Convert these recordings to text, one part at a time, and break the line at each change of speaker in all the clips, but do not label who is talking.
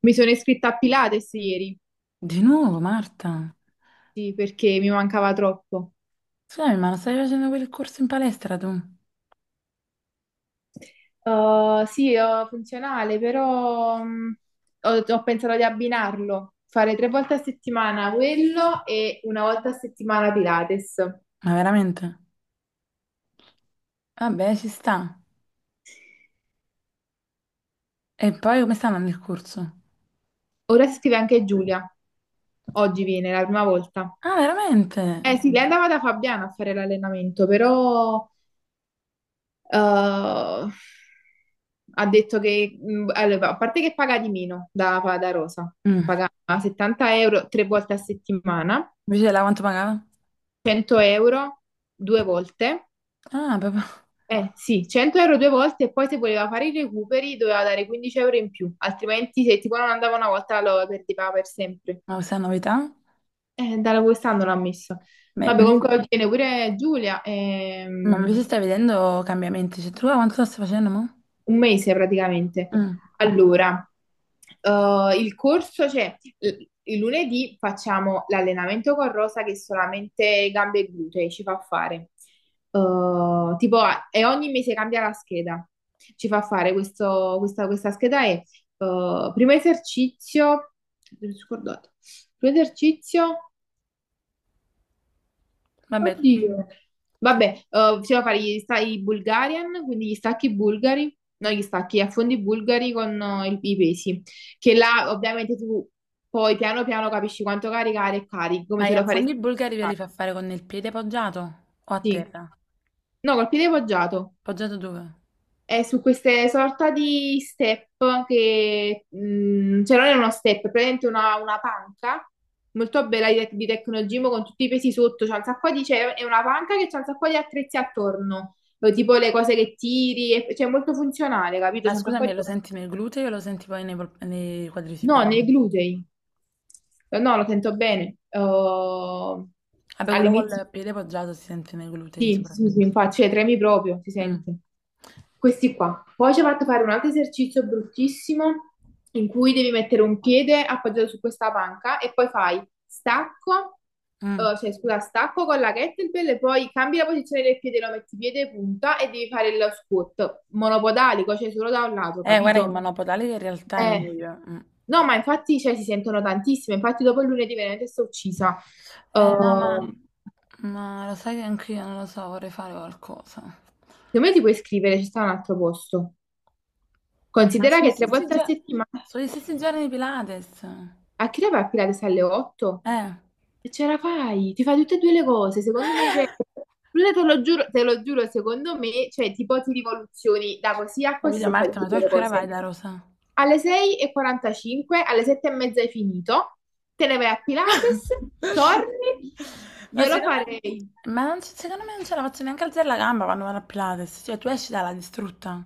Mi sono iscritta a Pilates ieri,
Di nuovo, Marta?
sì, perché mi mancava troppo.
Scusami, ma non stai facendo quel corso in palestra tu? Ma
Sì, ho funzionale, però ho pensato di abbinarlo, fare tre volte a settimana quello e una volta a settimana Pilates.
veramente? Vabbè, ci sta. E poi come sta andando il corso?
Ora si scrive anche Giulia, oggi viene la prima volta.
Ah, veramente?
Eh sì, lei andava da Fabiana a fare l'allenamento, però Eh, ha detto che, allora, a parte che paga di meno da Rosa,
Mm.
paga 70 euro tre volte a settimana,
Invece là quanto pagava?
100 euro due volte,
Ah, proprio.
eh sì, 100 euro due volte e poi se voleva fare i recuperi doveva dare 15 euro in più, altrimenti se tipo non andava una volta lo perdeva per sempre.
Ma questa è una novità?
Da quest'anno l'ha messo.
Beh,
Vabbè, comunque oggi viene pure Giulia.
ma invece stai vedendo cambiamenti. Cioè, tu là quanto lo stai facendo, mo?
Un mese praticamente.
Mm.
Allora, il corso, cioè il lunedì facciamo l'allenamento con Rosa che è solamente gambe e glutei ci fa fare. Tipo, e ogni mese cambia la scheda. Ci fa fare questo, questa scheda è primo esercizio, mi sono scordata. Primo esercizio.
Vabbè, tu-
Oddio.
tu-
Vabbè, bisogna fare i Bulgarian, quindi gli stacchi bulgari, no, gli stacchi, gli affondi bulgari con i pesi, che là ovviamente tu poi piano piano capisci quanto caricare e carichi, come
ma gli
se lo faresti.
affondi bulgari ve li fa fare con il piede poggiato? O a
Sì.
terra?
No, col piede poggiato.
Poggiato dove?
È su queste sorta di step che, cioè non è uno step, è praticamente una, panca molto bella di Tecnogym con tutti i pesi sotto, c'è un sacco di, cioè, è una panca che c'è un sacco di attrezzi attorno, tipo le cose che tiri, cioè è molto funzionale, capito?
Ma
C'è un sacco
scusami,
di
lo
cose.
senti nel gluteo o lo senti poi nei
No,
quadricipiti?
nei glutei. No, lo sento bene. Oh,
Vabbè, quello
all'inizio.
col piede poggiato si sente nei glutei
Sì, sì, sì,
soprattutto.
infatti, cioè tremi proprio, si
Mm,
sente. Questi qua. Poi ci ha fatto fare un altro esercizio bruttissimo in cui devi mettere un piede appoggiato su questa panca e poi fai stacco,
mm.
cioè scusa, stacco con la kettlebell e poi cambi la posizione del piede, lo metti piede punta e devi fare il squat monopodalico, cioè solo da un lato,
Guarda, il
capito?
monopodale in realtà è
Eh.
meglio. Mm.
No, ma infatti cioè, si sentono tantissime, infatti dopo il lunedì veramente sto uccisa.
No,
Uh,
ma lo sai che anch'io non lo so, vorrei fare qualcosa.
secondo me ti puoi iscrivere, ci sta un altro posto.
Ma
Considera
sono gli
che tre
stessi,
volte a
gio-
settimana.
sono gli stessi giorni di Pilates.
A che ora va a Pilates alle 8?
Eh.
E ce la fai, ti fai tutte e due le cose. Secondo me, cioè, Luna, te lo giuro, secondo me, cioè, tipo ti rivoluzioni da così a così
Capito,
se fai
Marta,
tutte
ma
e
tu
due
a
le
che ora vai
cose.
da Rosa?
Alle 6:45, alle 7:30 hai finito, te ne vai a Pilates, torni,
Ma
io lo
secondo
farei.
me, secondo me non ce la faccio neanche alzare la gamba quando vado a Pilates. Cioè, tu esci dalla distrutta.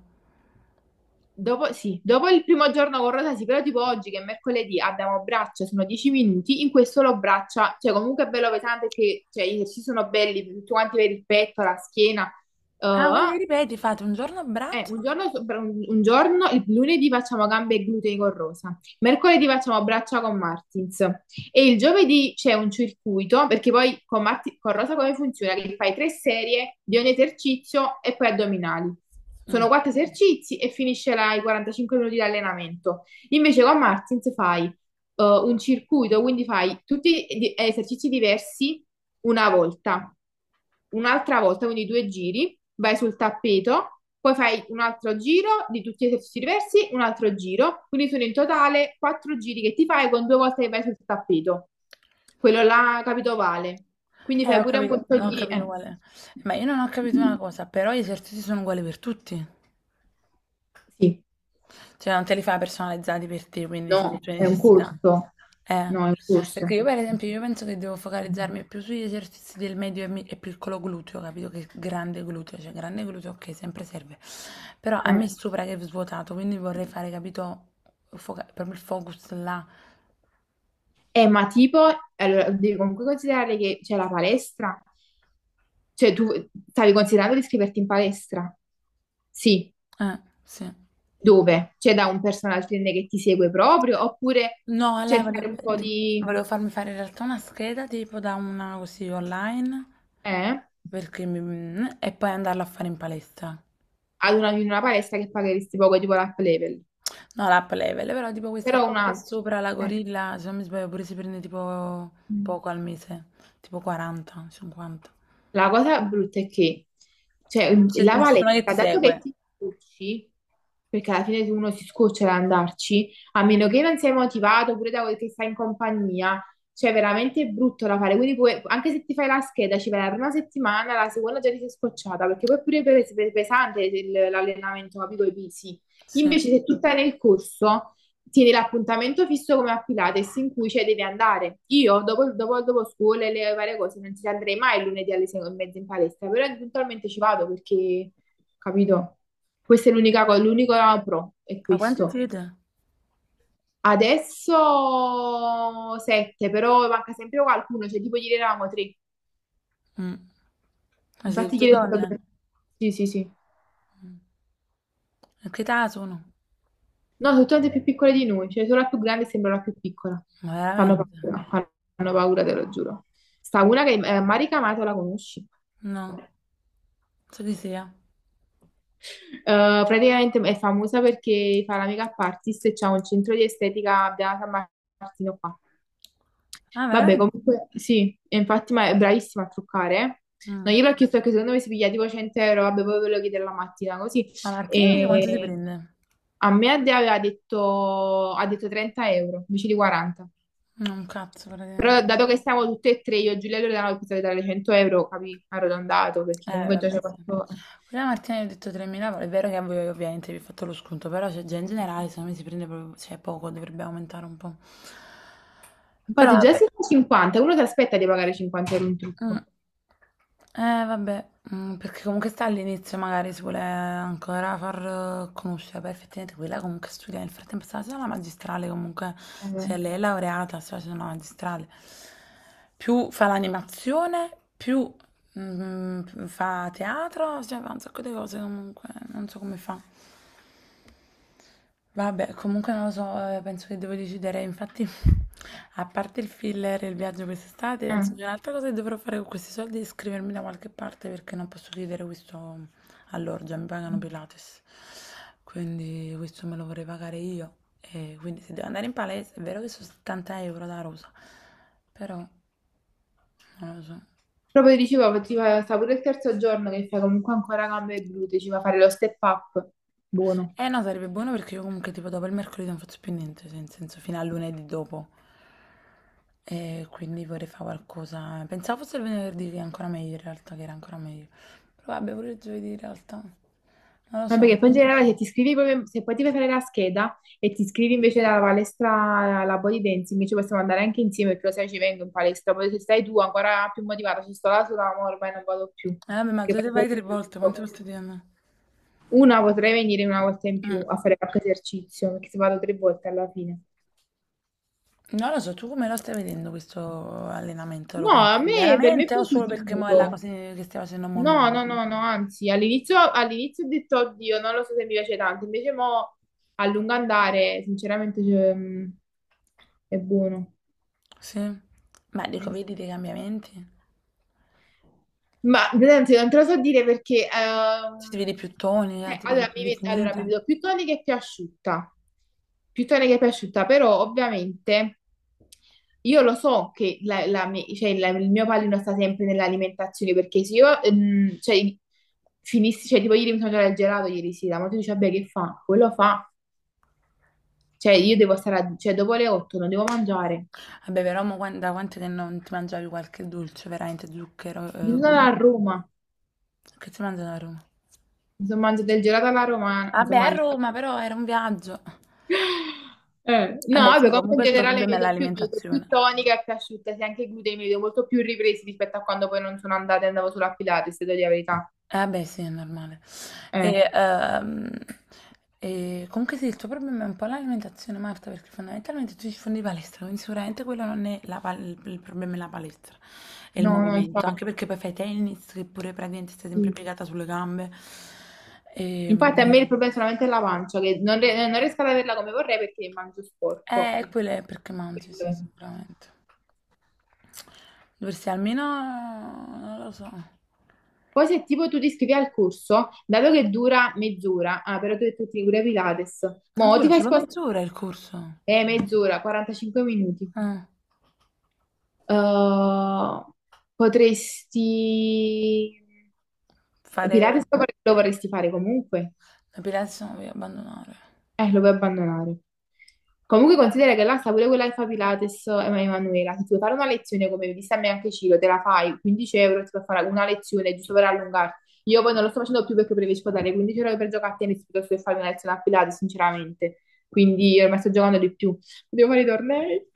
Dopo, sì, dopo il primo giorno con Rosasi, però tipo oggi che è mercoledì abbiamo braccia, sono 10 minuti, in questo lo braccia, cioè comunque è bello pesante perché cioè, gli esercizi sono belli, tutti quanti per il petto, la schiena, eh,
Ah, quindi ripeti, fate un giorno a braccio.
un giorno, un giorno, il lunedì facciamo gambe e glutei con Rosa, mercoledì facciamo braccia con Martins e il giovedì c'è un circuito perché poi con, con Rosa come funziona? Che fai tre serie di ogni esercizio e poi addominali. Sono quattro esercizi e finisce là i 45 minuti di allenamento. Invece con Martins fai un circuito, quindi fai tutti esercizi diversi una volta, un'altra volta, quindi due giri, vai sul tappeto, poi fai un altro giro di tutti gli esercizi diversi, un altro giro, quindi sono in totale quattro giri che ti fai con due volte che vai sul tappeto, quello là, capito, vale. Quindi fai
Ho
pure un
capito,
corso
no, ho
di...
capito
eh,
qual è. Ma io non ho capito una cosa, però gli esercizi sono uguali per tutti.
Sì,
Cioè, non te li fai personalizzati per te, quindi
no,
sulle tue
è un
necessità.
corso,
Eh,
no, è un
perché
corso.
io per esempio, io penso che devo focalizzarmi più sugli esercizi del medio e piccolo gluteo, capito? Che grande gluteo, cioè grande gluteo, ok, sempre serve. Però a
Eh.
me sopra che è svuotato, quindi vorrei fare, capito, proprio il focus là.
Ma tipo, allora, devi comunque considerare che c'è la palestra, cioè tu stavi considerando di iscriverti in palestra? Sì,
Sì.
dove? C'è da un personal trainer che ti segue proprio, oppure
No, a lei
cercare
volevo,
un po' di...
volevo farmi fare in realtà una scheda tipo da una così online
eh?
perché e poi andarla a fare in palestra.
Ad una, in una palestra che pagheresti poco, tipo l'up level,
No, l'app level, però tipo questa
però
qua
un
qua
altro.
sopra, la
Eh.
gorilla, se non mi sbaglio pure si prende tipo
Mm.
poco al mese, tipo 40, 50.
La cosa brutta è che, cioè,
Non c'è
la
nessuno che
valetta,
ti
dato che
segue.
ti scocci, perché alla fine uno si scoccia ad andarci, a meno che non sei motivato pure da quel che stai in compagnia, cioè, è veramente brutto da fare. Quindi, anche se ti fai la scheda, ci vai la prima settimana, la seconda già ti sei scocciata, perché poi pure è pesante l'allenamento, capito? I pesi.
Sì. Ma
Invece, se tu stai nel corso tieni l'appuntamento fisso come a Pilates in cui cioè, devi andare. Io dopo, dopo, dopo scuola e le varie cose non ci andrei mai il lunedì alle 6:30 in palestra, però eventualmente ci vado perché, capito? Questa è l'unica cosa, l'unico pro è
quanti
questo.
siete?
Adesso sette, però manca sempre qualcuno, cioè tipo ieri eravamo tre.
Mm. Ma siete
Infatti
tutte
ieri è stato sette.
donne?
Per... sì, sì, sì.
A che età sono?
No, sono tutte più piccole di noi, cioè solo la più grande sembra la più piccola.
Ma
Fanno
veramente?
paura, fanno paura, te lo giuro. Sta una che Mari Kamato la conosci.
No, so chi sia.
Praticamente è famosa perché fa la make-up artist e c'ha un centro di estetica a Beata Martino qua.
Ah,
Vabbè,
veramente?
comunque sì, e infatti ma è bravissima a truccare. No,
Mm.
io l'ho chiesto che secondo me si piglia tipo 100 euro, vabbè, poi ve lo chiede la mattina, così.
Ma Martina mi dice quanto ti
E
prende?
a me Adea ha detto 30 euro invece di 40.
No, un cazzo
Però
praticamente.
dato che siamo tutte e tre, io e Giulia Loredana, ho pensato di dare 100 euro, capì? Arrotondato, perché comunque già ci
Vabbè,
ho
sì.
fatto...
Quella Martina gli ho detto 3.000, è vero che a voi ovviamente vi ho fatto lo sconto, però cioè, già in generale secondo me si prende proprio, cioè, poco, dovrebbe aumentare un po'. Però
Infatti già se
vabbè,
sono 50, uno si aspetta di pagare 50 euro un
mm.
trucco.
Vabbè, mm, perché comunque sta all'inizio, magari si vuole ancora far conoscere, però effettivamente quella comunque studia, nel frattempo sta facendo la magistrale comunque,
Eh,
cioè lei è laureata, sta facendo la magistrale, più fa l'animazione, più mm, mm, fa teatro, cioè fa un sacco di cose comunque, non so come fa. Vabbè, comunque non lo so, penso che devo decidere. Infatti, a parte il filler e il viaggio quest'estate,
eh.
penso che un'altra cosa che dovrò fare con questi soldi è iscrivermi da qualche parte, perché non posso chiedere questo all'orgia, mi pagano Pilates. Quindi questo me lo vorrei pagare io. E quindi se devo andare in palestra, è vero che sono 70 euro da Rosa, però non lo so.
Proprio dicevo, ti fa, sta pure il terzo giorno che fai comunque ancora gambe e glutei, ci va a fare lo step up. Buono.
Eh no, sarebbe buono perché io comunque tipo dopo il mercoledì non faccio più niente, cioè, nel senso fino a lunedì dopo. E quindi vorrei fare qualcosa. Pensavo fosse il venerdì che è ancora meglio in realtà, che era ancora meglio. Però vabbè, pure il giovedì in realtà. Non lo
Ma
so.
perché poi in generale se ti iscrivi proprio, se poi ti fai fare la scheda e ti iscrivi invece alla palestra, alla body dancing, ci possiamo andare anche insieme, perché lo sai ci vengo in palestra, poi se stai tu ancora più motivata, ci sto là sola, ma ormai non vado più.
Vabbè, ma
Perché
giovedì
poi
vai tre volte, quante volte ti hanno?
una potrei venire una volta in più
Mm.
a fare qualche esercizio, perché se vado tre volte alla fine.
Non lo so, tu come lo stai vedendo questo allenamento? Lo
No, a
consideri
me, per me è
veramente o solo perché mo è la
positivo.
cosa che stai facendo mo
No, no,
nuovo?
no, no, anzi, all'inizio ho detto, oddio, non lo so se mi piace tanto, invece mo a lungo andare, sinceramente, cioè, è buono.
Sì. Ma dico, vedi dei cambiamenti?
Ma veramente non te lo so dire perché
Se ti vedi più tonica, ti vedi
allora,
più
allora mi
definita.
vedo più tonica e più asciutta, più tonica e più asciutta, però ovviamente io lo so che la- la mi- cioè, la- il mio pallino sta sempre nell'alimentazione perché se io cioè, finissi, cioè tipo ieri mi sono mangiato il gelato ieri sera, ma tu dici vabbè che fa? Quello fa, cioè io devo stare, cioè dopo le 8 non devo mangiare,
Vabbè, però mo quan- da quanto che non ti mangiavi qualche dolce, veramente zucchero?
io sono a Roma,
Che ti mangiano a Roma?
mi sono mangiato il gelato alla romana, mi
Vabbè,
sono
a
mangiato
Roma però era un viaggio.
No,
Vabbè,
vabbè,
sì,
comunque in
comunque il tuo
generale
problema è
mi vedo più
l'alimentazione.
tonica e più asciutta, sì, anche i glutei mi vedo molto più ripresi rispetto a quando poi non sono andata e andavo solo a Pilates, se devo dire la verità.
Vabbè, sì, è normale.
Eh,
E, ehm, e comunque sì, il tuo problema è un po' l'alimentazione, Marta, perché fondamentalmente tu ci fondi di palestra, quindi sicuramente quello non è la pal- il problema è la palestra, è il
no, no,
movimento,
infatti.
anche perché poi fai tennis, che pure praticamente stai sempre piegata sulle gambe. E,
Infatti a me il problema è solamente la pancia, che non riesco ad averla come vorrei perché mangio sporco. Diciamo,
quello è perché mangi,
quello
sì,
è.
sicuramente. Dovresti almeno, non lo so.
Poi se tipo tu ti iscrivi al corso, dato che dura mezz'ora, ah, però tu hai detto che ti cura Pilates,
Ah,
mo ti
dura
fai
solo
spostare...
mezz'ora il corso.
Mezz'ora, 45 minuti.
Ah,
Uh, potresti... Pilates
fare
lo vorrei- lo vorresti fare comunque?
l'epilation e abbandonare.
Lo vuoi abbandonare. Comunque considera che là sta pure quella che fa Pilates, Emanuela, se ti vuoi fare una lezione come mi a me anche Ciro, te la fai, 15 euro, ti puoi fare una lezione giusto per allungarti. Io poi non lo sto facendo più perché preferisco dare 15 euro per giocare a tennis piuttosto che fare una lezione a Pilates, sinceramente. Quindi io ormai sto giocando di più. Devo fare i tornei.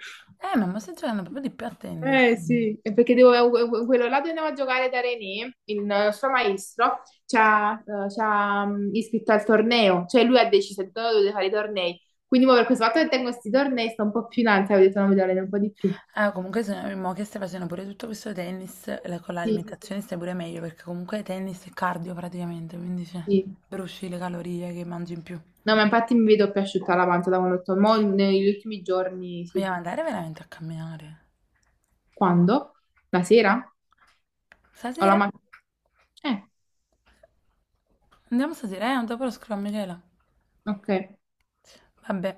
Ma mi stai giocando proprio di più a
Eh
tennis.
sì, è perché quello là dove andavo a giocare da René, il suo maestro, ci ha, iscritto al torneo, cioè lui ha deciso di dove dovete fare i tornei. Quindi mo per questo fatto che tengo questi tornei sto un po' più in alto, ho detto no, mi dovrei un po' di più.
Ah, comunque se no, mo che stai facendo pure tutto questo tennis, con
Sì, sì, sì.
l'alimentazione stai pure meglio, perché comunque tennis è cardio praticamente, quindi cioè,
Sì.
bruci le calorie che mangi in più.
No, ma infatti mi vedo più asciutta la pancia da quando ho detto, mo negli ultimi giorni, sì.
Vogliamo andare veramente a camminare.
Quando? La sera? O la
Stasera?
mattina? Eh,
Andiamo stasera, eh? Dopo lo scrivo a Michela.
ok.
Vabbè.